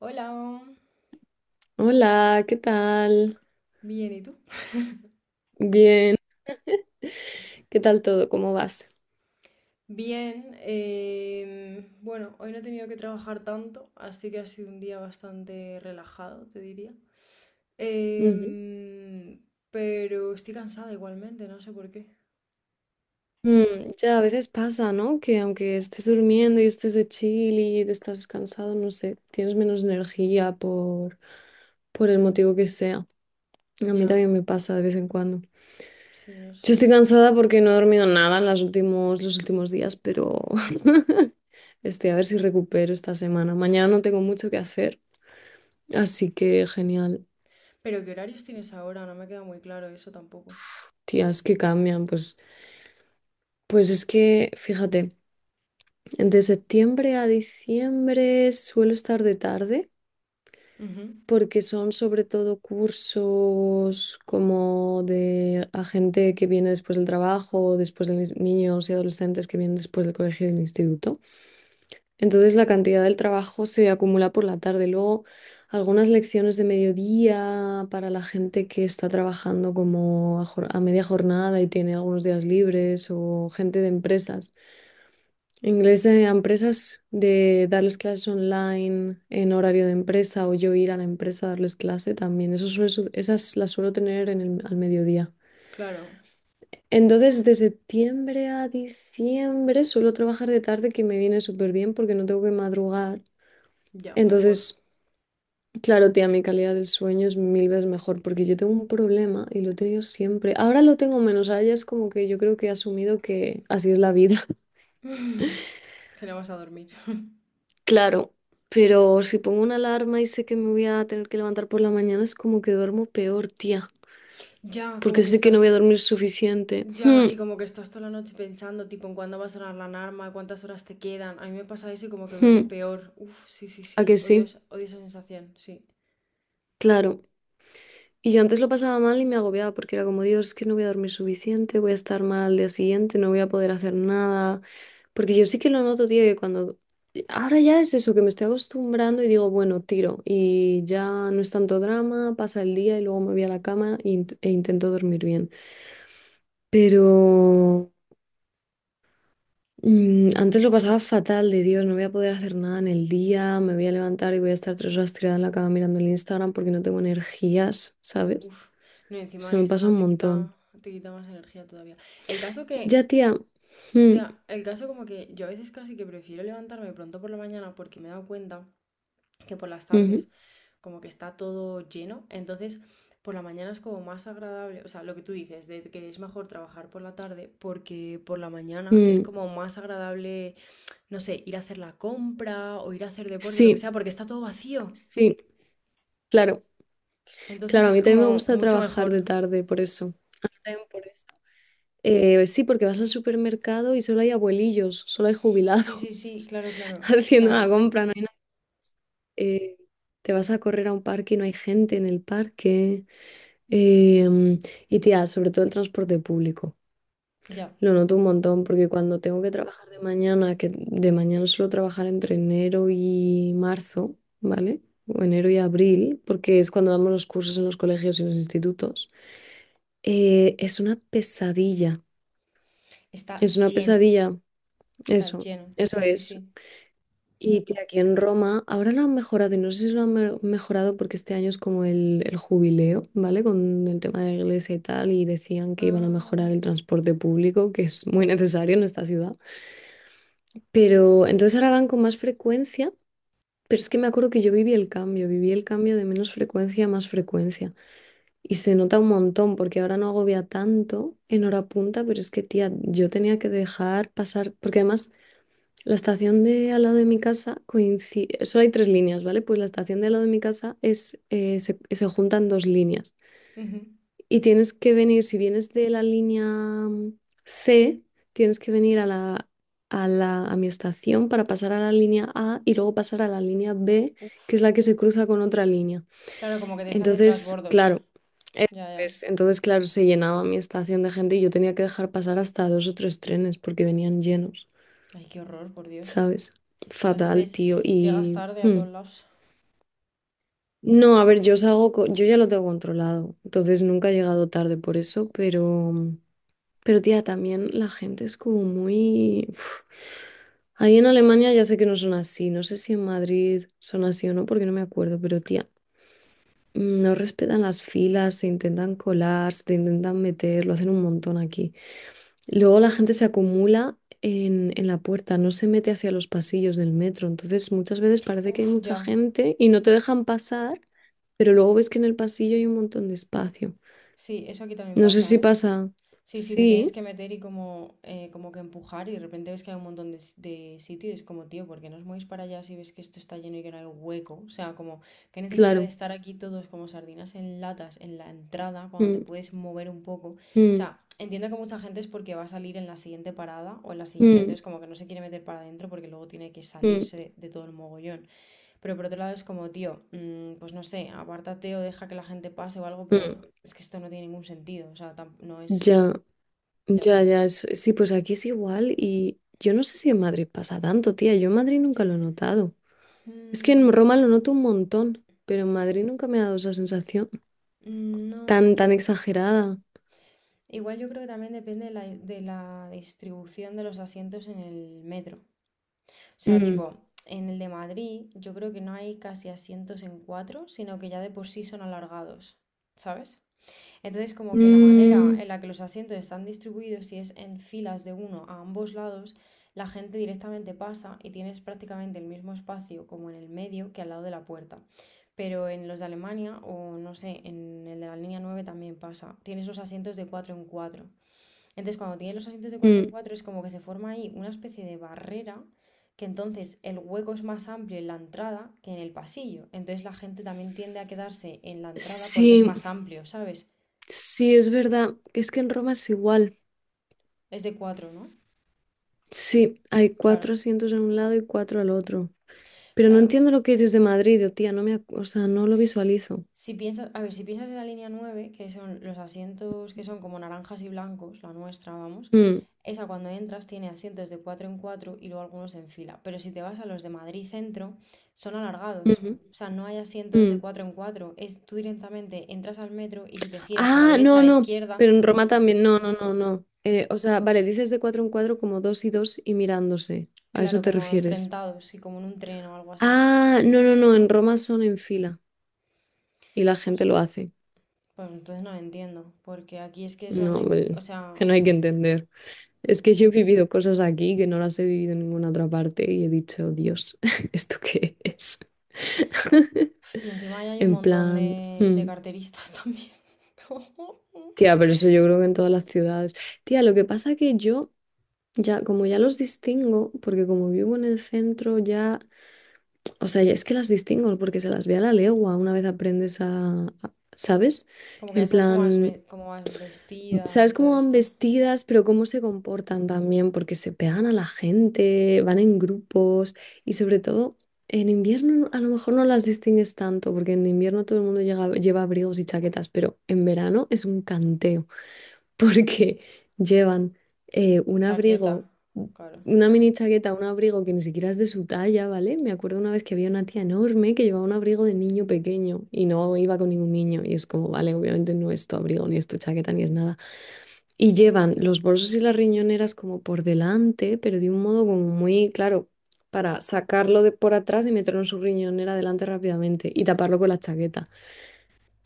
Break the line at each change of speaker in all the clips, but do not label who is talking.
Hola,
Hola, ¿qué tal?
bien, ¿y tú?
Bien, ¿qué tal todo? ¿Cómo vas?
Bien, bueno, hoy no he tenido que trabajar tanto, así que ha sido un día bastante relajado, te diría.
Ujú.
Em, pero estoy cansada igualmente, no sé por qué.
Mm, ya a veces pasa, ¿no? Que aunque estés durmiendo y estés de chill y te estás cansado, no sé, tienes menos energía por el motivo que sea. A mí
Ya,
también me pasa de vez en cuando.
sí, no
Yo
sé.
estoy cansada porque no he dormido nada en los últimos días, pero a ver si recupero esta semana. Mañana no tengo mucho que hacer, así que genial.
Pero ¿qué horarios tienes ahora? No me queda muy claro eso tampoco.
Tías que cambian, pues, pues es que, fíjate. De septiembre a diciembre suelo estar de tarde
Ujú.
porque son sobre todo cursos como de a gente que viene después del trabajo, después de mis niños y adolescentes que vienen después del colegio y del instituto. Entonces la cantidad del trabajo se acumula por la tarde. Luego algunas lecciones de mediodía para la gente que está trabajando como a, a media jornada y tiene algunos días libres o gente de empresas Inglés de empresas, de darles clases online en horario de empresa o yo ir a la empresa a darles clase también. Eso esas las suelo tener en al mediodía.
Claro,
Entonces, de septiembre a diciembre suelo trabajar de tarde, que me viene súper bien porque no tengo que madrugar.
ya, mejor.
Entonces, claro, tía, mi calidad del sueño es mil veces mejor porque yo tengo un problema y lo he tenido siempre. Ahora lo tengo menos, ahora ya es como que yo creo que he asumido que así es la vida.
Que no vas a dormir.
Claro, pero si pongo una alarma y sé que me voy a tener que levantar por la mañana, es como que duermo peor, tía,
Ya, como
porque
que
sé que no
estás.
voy a dormir suficiente.
Ya, y como que estás toda la noche pensando, tipo, en cuándo va a sonar la alarma, cuántas horas te quedan. A mí me pasa eso y como que
Hmm,
duermo peor. Uf, sí, sí,
¿A
sí.
que sí?
Odio, odio esa sensación, sí.
Claro. Y yo antes lo pasaba mal y me agobiaba porque era como, Dios, es que no voy a dormir suficiente, voy a estar mal al día siguiente, no voy a poder hacer nada. Porque yo sí que lo noto, tío, que cuando... Ahora ya es eso, que me estoy acostumbrando y digo, bueno, tiro y ya no es tanto drama, pasa el día y luego me voy a la cama e intento dormir bien. Pero antes lo pasaba fatal, de Dios, no voy a poder hacer nada en el día, me voy a levantar y voy a estar tres horas tirada en la cama mirando el Instagram porque no tengo energías, ¿sabes?
Uf. No, y encima
Eso
el
me pasa
Instagram
un montón.
te quita más energía todavía. El caso que,
Ya, tía. Mm,
ya, el caso como que yo a veces casi que prefiero levantarme pronto por la mañana porque me he dado cuenta. Que por las
ujú,
tardes como que está todo lleno. Entonces, por la mañana es como más agradable, o sea, lo que tú dices, de que es mejor trabajar por la tarde, porque por la mañana es
mm.
como más agradable, no sé, ir a hacer la compra o ir a hacer deporte, lo que
Sí,
sea, porque está todo vacío.
sí, claro.
Entonces
Claro, a
es
mí también me
como
gusta
mucho
trabajar
mejor.
de tarde, por eso. A mí también por eso. Sí, porque vas al supermercado y solo hay abuelillos, solo hay
Sí,
jubilados
sí, sí, claro, claro. O
haciendo la
sea,
compra, no hay nada. Eh, te vas a correr a un parque y no hay gente en el parque. Em, y tía, sobre todo el transporte público.
ya.
Lo noto un montón porque cuando tengo que trabajar de mañana, que de mañana suelo trabajar entre enero y marzo, ¿vale? O enero y abril, porque es cuando damos los cursos en los colegios y los institutos. Es una pesadilla.
Está
Es una
lleno,
pesadilla.
está
Eso,
lleno.
eso
Sí, sí,
es.
sí.
Y que aquí en Roma, ahora lo han mejorado y no sé si lo han mejorado porque este año es como el jubileo, ¿vale? Con el tema de la iglesia y tal, y decían que iban a
Ah,
mejorar el transporte público, que es muy necesario en esta ciudad. Pero entonces ahora van con más frecuencia, pero es que me acuerdo que yo viví el cambio de menos frecuencia a más frecuencia. Y se nota un montón porque ahora no agobia tanto en hora punta, pero es que, tía, yo tenía que dejar pasar, porque además... La estación de al lado de mi casa coincide, solo hay tres líneas, ¿vale? Pues la estación de al lado de mi casa es, se juntan dos líneas
ujú.
y tienes que venir, si vienes de la línea C, tienes que venir a a mi estación para pasar a la línea A y luego pasar a la línea B, que
Uf.
es la que se cruza con otra línea.
Claro, como que tienes que hacer
Entonces,
trasbordos.
claro, eso
Ya, ya.
es, entonces, claro, se llenaba mi estación de gente y yo tenía que dejar pasar hasta dos o tres trenes porque venían llenos.
Ay, qué horror, por Dios.
¿Sabes?
Pues
Fatal,
entonces
tío.
llegas tarde a todos lados.
No, a ver, yo salgo, yo ya lo tengo controlado, entonces nunca he llegado tarde por eso, pero tía, también la gente es como muy... uf. Ahí en Alemania ya sé que no son así, no sé si en Madrid son así o no, porque no me acuerdo, pero tía, no respetan las filas, se intentan colar, se te intentan meter, lo hacen un montón aquí. Luego la gente se acumula en la puerta, no se mete hacia los pasillos del metro. Entonces muchas veces parece que hay
Uf,
mucha
ya.
gente y no te dejan pasar, pero luego ves que en el pasillo hay un montón de espacio.
Sí, eso aquí también
No sé
pasa,
si
¿eh?
pasa.
Sí, sí, te tienes
Sí,
que meter y como, como que empujar y de repente ves que hay un montón de, de sitios. Es como, tío, ¿por qué no os movéis para allá si ves que esto está lleno y que no hay hueco? O sea, como, qué necesidad de
claro.
estar aquí todos como sardinas en latas en la entrada cuando te
Mm,
puedes mover un poco. O
mm,
sea, entiendo que mucha gente es porque va a salir en la siguiente parada o en la siguiente,
mm,
entonces como que no se quiere meter para adentro porque luego tiene que
mm,
salirse de todo el mogollón. Pero por otro lado es como, tío, mm, pues no sé, apártate o deja que la gente pase o algo, pero
mm.
es que esto no tiene ningún sentido. O sea, no es.
Ya,
Ya.
ya, ya. Sí, pues aquí es igual y yo no sé si en Madrid pasa tanto, tía. Yo en Madrid nunca lo he notado. Es que en
Mm,
Roma lo noto un montón, pero en Madrid nunca me ha dado esa sensación
no,
tan,
yo.
tan exagerada.
Igual yo creo que también depende de de la distribución de los asientos en el metro. O sea,
Mm,
tipo, en el de Madrid, yo creo que no hay casi asientos en cuatro, sino que ya de por sí son alargados. ¿Sabes? Entonces, como que la manera
mm,
en la que los asientos están distribuidos, si es en filas de uno a ambos lados, la gente directamente pasa y tienes prácticamente el mismo espacio como en el medio que al lado de la puerta. Pero en los de Alemania o no sé, en el de la línea 9 también pasa. Tienes los asientos de 4 en cuatro. Entonces, cuando tienes los asientos de cuatro en
mm.
4 es como que se forma ahí una especie de barrera que entonces el hueco es más amplio en la entrada que en el pasillo. Entonces la gente también tiende a quedarse en la entrada porque es
Sí,
más amplio, ¿sabes?
sí, es verdad. Es que en Roma es igual.
Es de 4, ¿no?
Sí, hay
Claro,
cuatro asientos en un lado y cuatro al otro. Pero no
claro.
entiendo lo que dices de Madrid, oh, tía. No me, o sea, no lo visualizo.
Si piensas, a ver, si piensas en la línea 9, que son los asientos que son como naranjas y blancos, la nuestra, vamos,
Mm,
esa cuando entras tiene asientos de 4 en 4 y luego algunos en fila. Pero si te vas a los de Madrid Centro, son alargados.
ujú,
O sea, no hay asientos de
mm.
4 en 4. Es tú directamente entras al metro y si te giras a la
Ah,
derecha, a
no,
la
no.
izquierda,
Pero en Roma también. No, no, no, no. O sea, vale, dices de cuatro en cuatro como dos y dos y mirándose. ¿A eso
claro,
te
como
refieres?
enfrentados y como en un tren o algo así.
Ah, no, no, no. En Roma son en fila y la gente
Pues,
lo hace.
pues entonces no lo entiendo. Porque aquí es que son
No,
en, o
hombre, que
sea.
no hay que entender. Es que yo he vivido cosas aquí que no las he vivido en ninguna otra parte y he dicho, Dios, ¿esto qué es?
Y encima ahí hay un
En
montón
plan,
de
hmm.
carteristas también.
Tía, pero eso yo creo que en todas las ciudades. Tía, lo que pasa que yo ya, como ya los distingo, porque como vivo en el centro ya, o sea, ya es que las distingo porque se las ve a la legua una vez aprendes ¿sabes?
Como que ya
En
sabes cómo,
plan,
cómo van vestidas y
¿sabes
todo
cómo van
esto.
vestidas, pero cómo se comportan también? Porque se pegan a la gente, van en grupos y sobre todo en invierno a lo mejor no las distingues tanto, porque en invierno todo el mundo lleva abrigos y chaquetas, pero en verano es un canteo porque llevan un
Chaqueta,
abrigo,
claro.
una mini chaqueta, un abrigo que ni siquiera es de su talla, ¿vale? Me acuerdo una vez que había una tía enorme que llevaba un abrigo de niño pequeño y no iba con ningún niño y es como, vale, obviamente no es tu abrigo, ni es tu chaqueta, ni es nada. Y llevan los bolsos y las riñoneras como por delante, pero de un modo como muy claro. Para sacarlo de por atrás y meterlo en su riñonera delante rápidamente y taparlo con la chaqueta.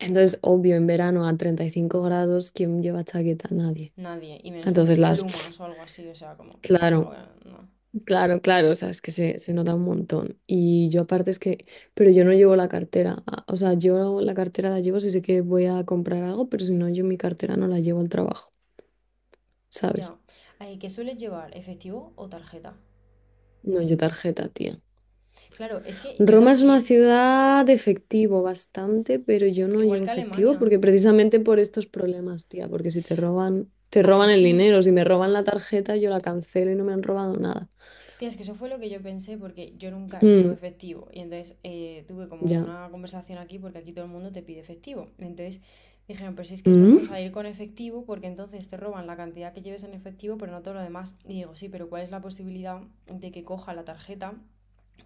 Entonces, obvio, en verano a 35 grados, ¿quién lleva chaqueta? Nadie.
Nadie, y menos
Entonces
un
las, pf,
plumas o algo así, o sea, como, mm,
claro,
no.
claro, claro, o sea, es que se nota un montón. Y yo aparte es que, pero yo no llevo la cartera, o sea, yo la cartera la llevo si sé que voy a comprar algo, pero si no, yo mi cartera no la llevo al trabajo,
Ya.
¿sabes?
Ay, ¿qué sueles llevar? ¿Efectivo o tarjeta?
No, yo tarjeta, tía.
Claro, es que yo
Roma es una
también,
ciudad de efectivo bastante, pero yo no
igual
llevo
que
efectivo
Alemania.
porque precisamente por estos problemas, tía, porque si te roban, te
¿A que
roban el
sí?
dinero, si me roban la tarjeta, yo la cancelo y no me han robado nada.
Tía, es que eso fue lo que yo pensé porque yo nunca llevo
Mm,
efectivo y entonces tuve como
ya.
una conversación aquí porque aquí todo el mundo te pide efectivo. Entonces dijeron, pero si es que es mejor
Mm.
salir con efectivo porque entonces te roban la cantidad que lleves en efectivo pero no todo lo demás. Y digo, sí, pero ¿cuál es la posibilidad de que coja la tarjeta?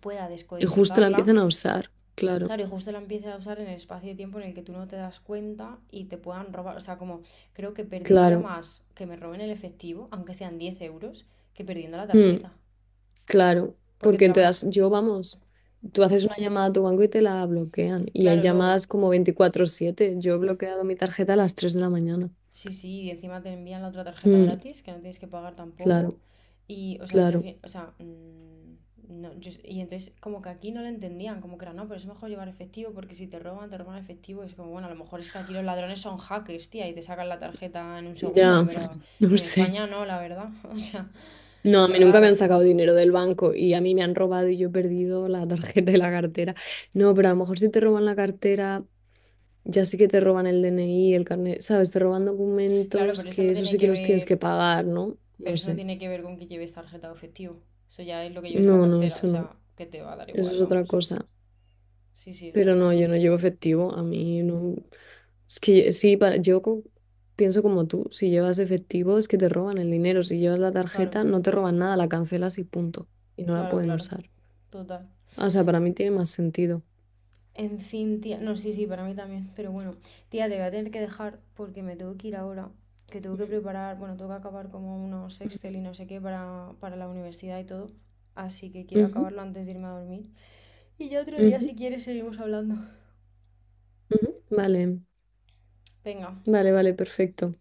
Pueda
Y justo la
descodificarla,
empiezan a usar, claro,
claro, y justo la empiece a usar en el espacio de tiempo en el que tú no te das cuenta y te puedan robar, o sea, como creo que perdería
claro,
más que me roben el efectivo, aunque sean 10 euros, que perdiendo la
mm,
tarjeta.
claro,
Porque te
porque
la
te
van a.
das, yo vamos, tú haces una llamada a tu banco y te la bloquean, y hay
Claro, luego,
llamadas como 24/7, yo he bloqueado mi tarjeta a las 3 de la mañana,
sí, sí, y encima te envían la otra tarjeta
mm,
gratis, que no tienes que pagar tampoco.
claro,
Y, o sea, es que al
claro,
fin, o sea, mm, no, y entonces como que aquí no lo entendían, como que era, no, pero es mejor llevar efectivo porque si te roban, te roban efectivo. Y es como, bueno, a lo mejor es que aquí los ladrones son hackers, tía, y te sacan la tarjeta en un segundo,
ya,
pero
no
en
sé,
España no, la verdad. O sea,
no, a mí nunca me
raro.
han sacado dinero del banco y a mí me han robado y yo he perdido la tarjeta y la cartera, no, pero a lo mejor si te roban la cartera ya sí que te roban el DNI, el carnet, ¿sabes? Te roban
Claro,
documentos
pero eso
que
no
eso
tiene
sí que
que
los tienes
ver,
que pagar, ¿no?
pero
No
eso no
sé.
tiene que ver con que lleves tarjeta o efectivo. Eso ya es lo que lleves en la
No, no,
cartera, o
eso no.
sea, que te va a dar
Eso
igual,
es otra
vamos.
cosa.
Sí, sí, o sea
Pero
que,
no, yo no llevo efectivo. A mí no. Es que sí, para... pienso como tú. Si llevas efectivo es que te roban el dinero. Si llevas la
claro.
tarjeta, no te roban nada, la cancelas y punto. Y no la
Claro,
pueden
claro,
usar.
total.
O sea, para mí tiene más sentido.
En fin, tía, no, sí, sí, para mí también, pero bueno, tía, te voy a tener que dejar porque me tengo que ir ahora, que tengo que
Mm.
preparar, bueno, tengo que acabar como unos Excel y no sé qué para la universidad y todo, así que quiero
Ujú,
acabarlo antes de irme a dormir. Y ya otro día,
ujú,
si quieres, seguimos hablando.
ujú. Vale,
Venga,
vale, vale, perfecto.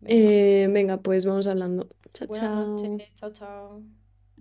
venga.
Venga, pues vamos hablando. Chao,
Buenas noches,
chao.
chao, chao.